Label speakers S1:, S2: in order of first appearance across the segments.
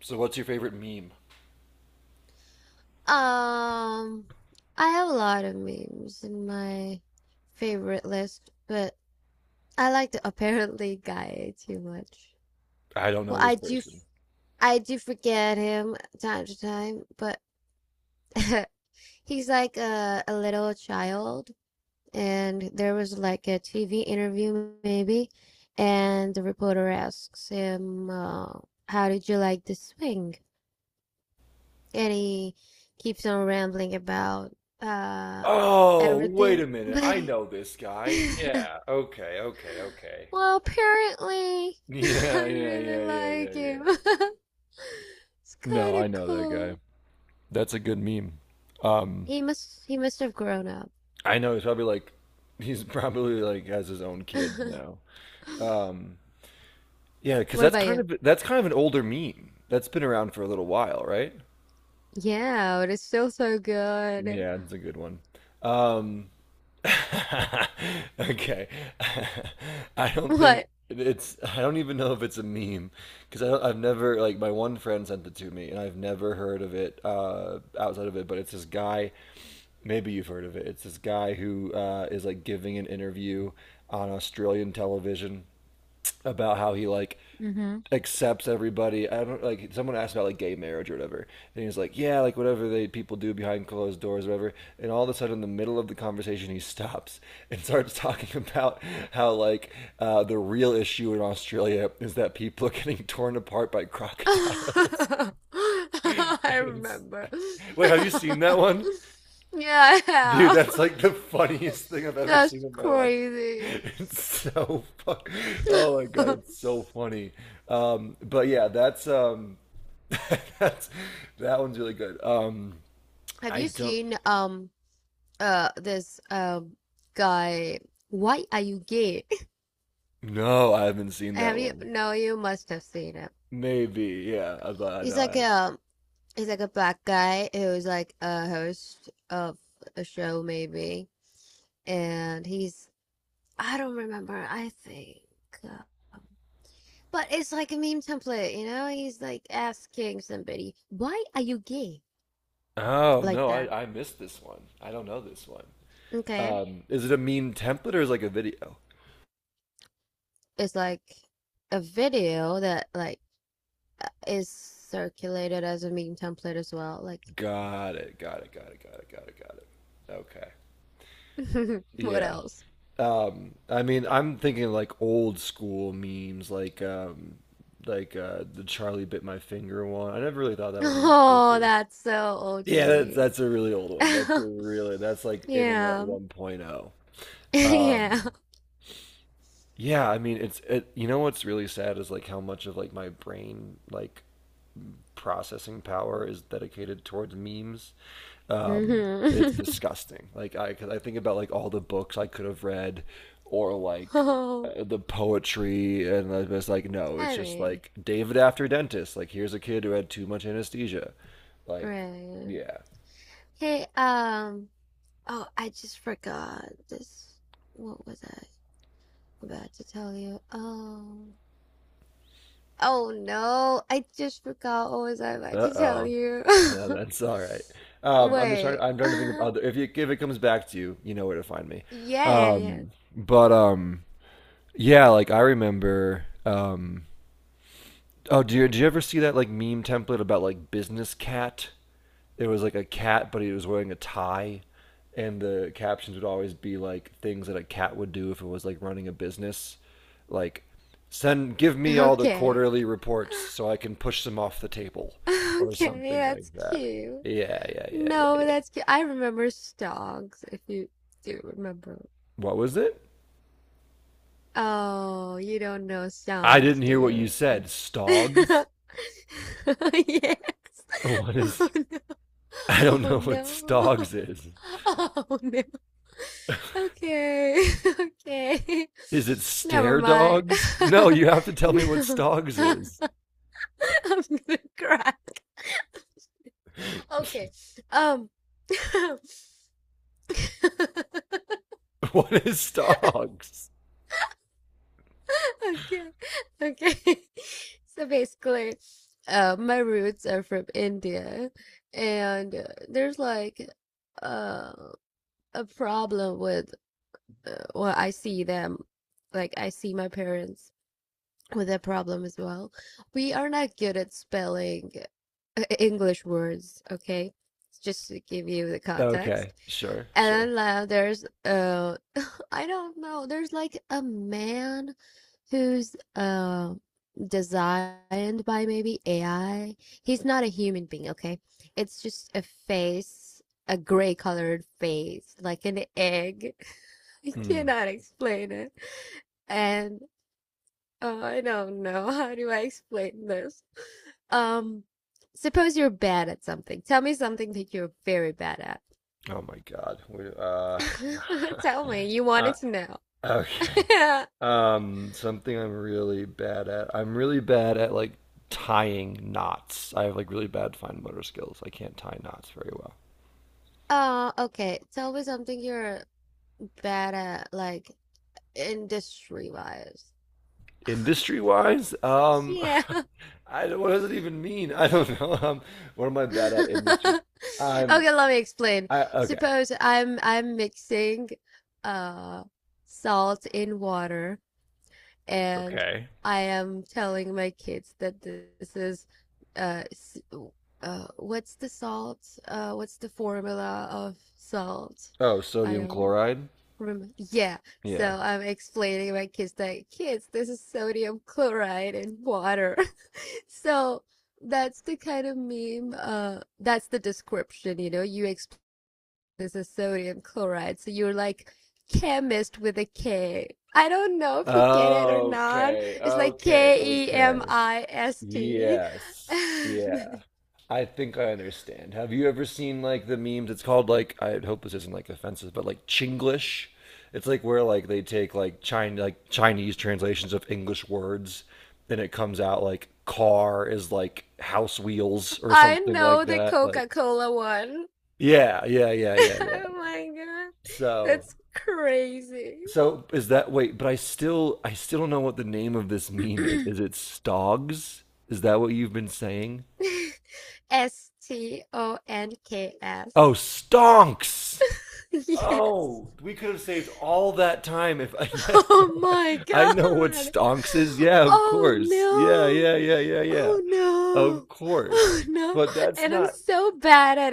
S1: So, what's your favorite meme?
S2: Um, I have a lot of memes in my favorite list, but I like the apparently guy too much.
S1: I don't know
S2: Well,
S1: this
S2: I do,
S1: person.
S2: I do forget him time to time, but he's like a little child, and there was like a TV interview maybe, and the reporter asks him, "How did you like the swing?" And he keeps on rambling about, uh.
S1: Oh, wait
S2: everything,
S1: a minute. I
S2: buddy.
S1: know this guy. Yeah. Okay, okay, okay.
S2: Well, apparently,
S1: Yeah,
S2: I
S1: yeah,
S2: really
S1: yeah, yeah, yeah,
S2: like
S1: yeah.
S2: him. It's
S1: No,
S2: kind
S1: I
S2: of
S1: know that guy.
S2: cool.
S1: That's a good meme. Um,
S2: He must have grown up.
S1: I know he's probably like, he's probably like has his own kids now. Um, yeah, because
S2: What
S1: that's
S2: about
S1: kind
S2: you?
S1: of that's kind of an older meme. That's been around for a little while, right?
S2: Yeah, but it's still so good.
S1: Yeah, it's a good one. Um, Okay.
S2: What?
S1: I don't even know if it's a meme because I've never like my one friend sent it to me and I've never heard of it outside of it, but it's this guy, maybe you've heard of it, it's this guy who is like giving an interview on Australian television about how he like
S2: Mm-hmm.
S1: accepts everybody. I don't like Someone asked about like gay marriage or whatever, and he was like, yeah, like whatever they people do behind closed doors, or whatever. And all of a sudden, in the middle of the conversation, he stops and starts talking about how like the real issue in Australia is that people are getting torn apart by crocodiles.
S2: I
S1: And it's-
S2: remember.
S1: Wait, have you seen that one?
S2: Yeah, I
S1: Dude, that's
S2: have.
S1: like the funniest thing I've ever seen
S2: That's
S1: in my life.
S2: crazy.
S1: It's so fu- Oh my God,
S2: Have
S1: it's so funny. But yeah, that's That's, that one's really good. I
S2: you
S1: don't.
S2: seen this guy why are you gay?
S1: No, I haven't seen
S2: Have
S1: that
S2: you?
S1: one.
S2: No, you must have seen him.
S1: Maybe, yeah. I
S2: He's
S1: know. I
S2: like
S1: have.
S2: a, he's like a black guy who's like a host of a show maybe, and he's, I don't remember, I think, um, but it's like a meme template, you know, he's like asking somebody, why are you gay,
S1: Oh
S2: like
S1: no,
S2: that.
S1: I missed this one. I don't know this one.
S2: Okay.
S1: Is it a meme template or is it like a video?
S2: It's like a video that like is circulated as a meme template as well, like.
S1: Got it. Got it. Got it. Got it. Got it. Got it. Okay.
S2: What
S1: Yeah.
S2: else?
S1: I mean, I'm thinking like old school memes, like the Charlie bit my finger one. I never really thought that one was
S2: Oh,
S1: super.
S2: that's so
S1: Yeah, that's
S2: OG.
S1: that's a really old one. That's a really that's like internet
S2: Yeah.
S1: 1.0.
S2: Yeah.
S1: Um, yeah, I mean you know what's really sad is like how much of like my brain like processing power is dedicated towards memes. Um, it's
S2: Hmm.
S1: disgusting. Like I cause I think about like all the books I could have read or like
S2: Oh,
S1: the poetry, and I was like no, it's
S2: I
S1: just
S2: mean,
S1: like David after dentist. Like here's a kid who had too much anesthesia. Like
S2: great.
S1: yeah.
S2: Hey, oh, I just forgot this. What was I about to tell you? Oh, oh no, I just forgot, what was I about to tell
S1: Uh-oh.
S2: you?
S1: No, that's all right. I'm just trying.
S2: Wait.
S1: I'm trying to think of other. If it comes back to you, you know where to find me.
S2: Yeah, yeah,
S1: But yeah, like I remember. Oh, do you ever see that like meme template about like business cat? It was like a cat, but he was wearing a tie, and the captions would always be like things that a cat would do if it was like running a business, like send give me
S2: yeah.
S1: all the
S2: Okay.
S1: quarterly reports so I can push them off the table, or
S2: Okay,
S1: something like
S2: that's
S1: that.
S2: cute.
S1: Yeah, yeah, yeah, yeah,
S2: No,
S1: yeah.
S2: that's cute. I remember songs, if you do remember.
S1: What was it?
S2: Oh, you don't know
S1: I
S2: songs,
S1: didn't
S2: do
S1: hear what you
S2: you?
S1: said. Stogs?
S2: Yes.
S1: What is?
S2: Oh no.
S1: I don't
S2: Oh
S1: know what
S2: no.
S1: stogs is.
S2: Oh no. Okay. Okay.
S1: Is it
S2: Never
S1: stare
S2: mind.
S1: dogs? No, you have to tell me what
S2: No.
S1: stogs
S2: I'm
S1: is.
S2: gonna cry. Okay. Um
S1: What is stogs?
S2: Okay. Okay. So basically, my roots are from India, and there's like uh, a problem with, well, I see them, like I see my parents with that problem as well. We are not good at spelling English words, okay? Just to give you the
S1: Okay,
S2: context.
S1: sure, sure.
S2: And then there's, I don't know, there's like a man who's designed by maybe AI. He's not a human being, okay? It's just a face, a gray colored face, like an egg. I
S1: Mm.
S2: cannot explain it. And I don't know. How do I explain this? Um, suppose you're bad at something. Tell me something that you're very bad at.
S1: Oh my God.
S2: Tell me. You
S1: Uh,
S2: wanted to
S1: okay.
S2: know.
S1: Something I'm really bad at. I'm really bad at like tying knots. I have like really bad fine motor skills. I can't tie knots very well.
S2: Okay. Tell me something you're bad at, like industry wise.
S1: Industry wise,
S2: Yeah.
S1: I don't- what does it even mean? I don't know. What am I bad at industry? I'm
S2: Okay, let me explain.
S1: I okay.
S2: Suppose I'm mixing uh salt in water, and
S1: Okay.
S2: I am telling my kids that this is uh what's the salt? Uh, what's the formula of salt?
S1: Oh,
S2: I
S1: sodium
S2: don't
S1: chloride?
S2: remember. Yeah. So
S1: Yeah.
S2: I'm explaining to my kids that, kids, this is sodium chloride in water. So that's the kind of meme, that's the description, you know, you explain this as sodium chloride. So you're like chemist with a K. I don't know if you get it or not.
S1: Okay,
S2: It's like
S1: okay,
S2: K E
S1: okay.
S2: M I S T.
S1: Yes. Yeah. I think I understand. Have you ever seen like the memes? It's called like, I hope this isn't like offensive, but like Chinglish. It's like where like they take like China like Chinese translations of English words, and it comes out like car is like house wheels or
S2: I
S1: something
S2: know
S1: like
S2: the
S1: that. Like
S2: Coca-Cola one.
S1: yeah, yeah, yeah, yeah, yeah.
S2: Oh my God.
S1: So
S2: That's crazy.
S1: so is that, wait, but I still don't know what the name of this meme is. Is it Stogs? Is that what you've been saying?
S2: S T O N K
S1: Oh,
S2: S.
S1: stonks.
S2: Yes.
S1: Oh, we could have saved all that time if yes, no,
S2: Oh my
S1: I know what
S2: God.
S1: stonks is. Yeah, of
S2: Oh
S1: course. Yeah,
S2: no.
S1: yeah, yeah, yeah, yeah.
S2: Oh no.
S1: Of course.
S2: Oh no.
S1: But that's
S2: And I'm
S1: not
S2: so bad at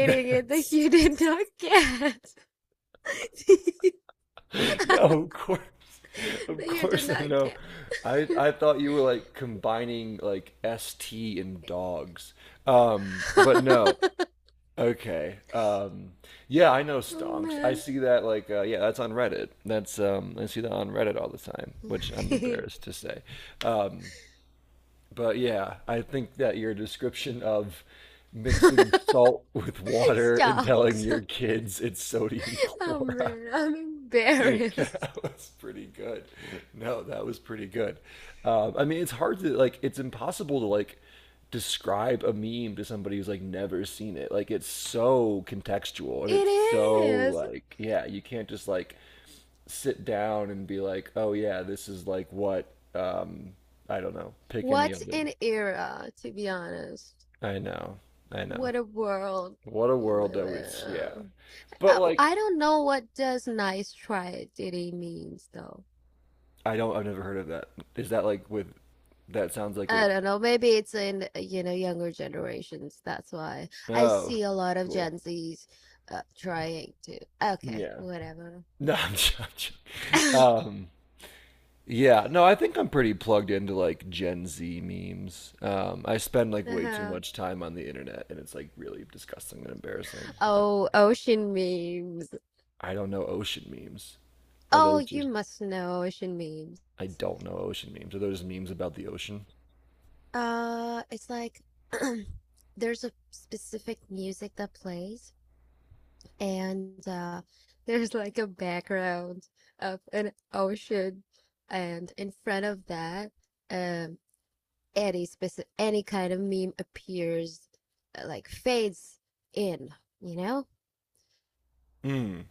S2: it that you did
S1: that's
S2: not get.
S1: no,
S2: That
S1: of course. Of
S2: you did
S1: course I
S2: not
S1: know.
S2: get.
S1: I thought you were like combining like S T and dogs. But no. Okay. Yeah, I know
S2: Oh
S1: stonks. I
S2: man.
S1: see that like yeah, that's on Reddit. That's I see that on Reddit all the time, which I'm embarrassed to say. Um, but yeah, I think that your description of mixing salt with water and
S2: Stop.
S1: telling your kids it's sodium
S2: Oh
S1: chloride
S2: man, I'm
S1: that
S2: embarrassed.
S1: was pretty good. No, that was pretty good. I mean, it's hard to like. It's impossible to like describe a meme to somebody who's like never seen it. Like, it's so contextual and it's
S2: It
S1: so
S2: is.
S1: like, yeah, you can't just like sit down and be like, oh yeah, this is like what I don't know. Pick any
S2: What's
S1: other.
S2: an era, to be honest?
S1: I know, I know.
S2: What a world
S1: What a
S2: we
S1: world
S2: live
S1: that was. Yeah,
S2: in.
S1: but like,
S2: I don't know what does nice try really means though.
S1: I don't. I've never heard of that. Is that like with? That sounds like
S2: I
S1: it.
S2: don't know. Maybe it's in, you know younger generations. That's why I
S1: Oh,
S2: see a lot of
S1: cool.
S2: Gen Zs trying to. Okay,
S1: Yeah.
S2: whatever.
S1: No, Um, yeah, no, I think I'm pretty plugged into like Gen Z memes. I spend like way too
S2: Uh-huh.
S1: much time on the internet, and it's like really disgusting and embarrassing. Uh,
S2: Oh, ocean memes.
S1: I don't know ocean memes. Are
S2: Oh,
S1: those
S2: you
S1: just?
S2: must know ocean memes.
S1: I don't know ocean memes. Are those just memes about the ocean?
S2: It's like there's a specific music that plays, and there's like a background of an ocean, and in front of that, um, any kind of meme appears, like fades in, you know?
S1: Mm.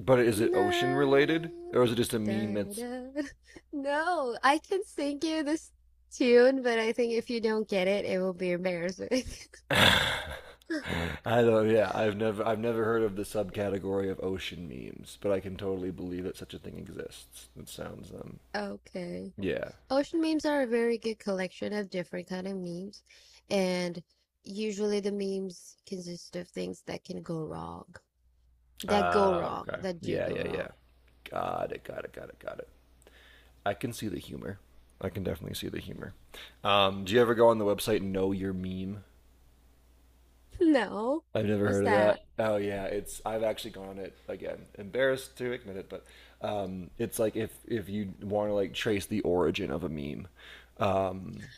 S1: But is it ocean related,
S2: No,
S1: or is it just a meme
S2: da,
S1: that's
S2: da. No, I can sing you this tune, but I think if you don't get it, it will be embarrassing.
S1: I don't. Yeah, I've never heard of the subcategory of ocean memes, but I can totally believe that such a thing exists. It sounds
S2: Okay.
S1: yeah.
S2: Ocean memes are a very good collection of different kind of memes, and usually the memes consist of things that can go
S1: Ah,
S2: wrong,
S1: okay.
S2: that do
S1: Yeah,
S2: go
S1: yeah, yeah.
S2: wrong.
S1: Got it. Got it. Got it. Got it. I can see the humor. I can definitely see the humor. Do you ever go on the website Know Your Meme?
S2: No,
S1: I've never
S2: what's
S1: heard of
S2: that?
S1: that. Oh yeah, it's, I've actually gone on it again. Embarrassed to admit it, but it's like, if you want to like trace the origin of a meme, um,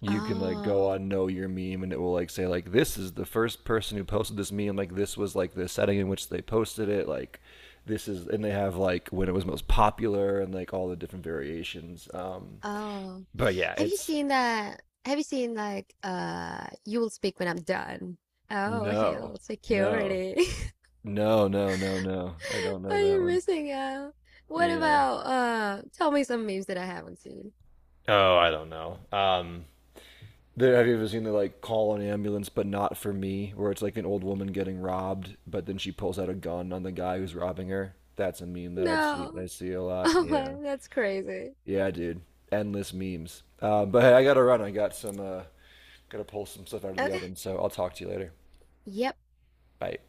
S1: you can like go
S2: Oh,
S1: on Know Your Meme, and it will like say like this is the first person who posted this meme, like this was like the setting in which they posted it, like this is, and they have like when it was most popular, and like all the different variations, um,
S2: oh,
S1: but yeah,
S2: have you
S1: it's
S2: seen that? Have you seen like you will speak when I'm done? Oh,
S1: no,
S2: hell,
S1: no,
S2: security.
S1: no, no, no, no, I don't know
S2: Are
S1: that
S2: you
S1: one.
S2: missing out? What
S1: Yeah.
S2: about tell me some memes that I haven't seen?
S1: Oh, I don't know. There, have you ever seen the like call an ambulance but not for me, where it's like an old woman getting robbed, but then she pulls out a gun on the guy who's robbing her? That's a meme that I've seen.
S2: No.
S1: I see a lot.
S2: Oh
S1: Yeah,
S2: my, that's crazy.
S1: yeah, dude. Endless memes. But hey, I gotta run. I got some. Gotta pull some stuff out of the
S2: Okay.
S1: oven. So I'll talk to you later.
S2: Yep.
S1: Bye.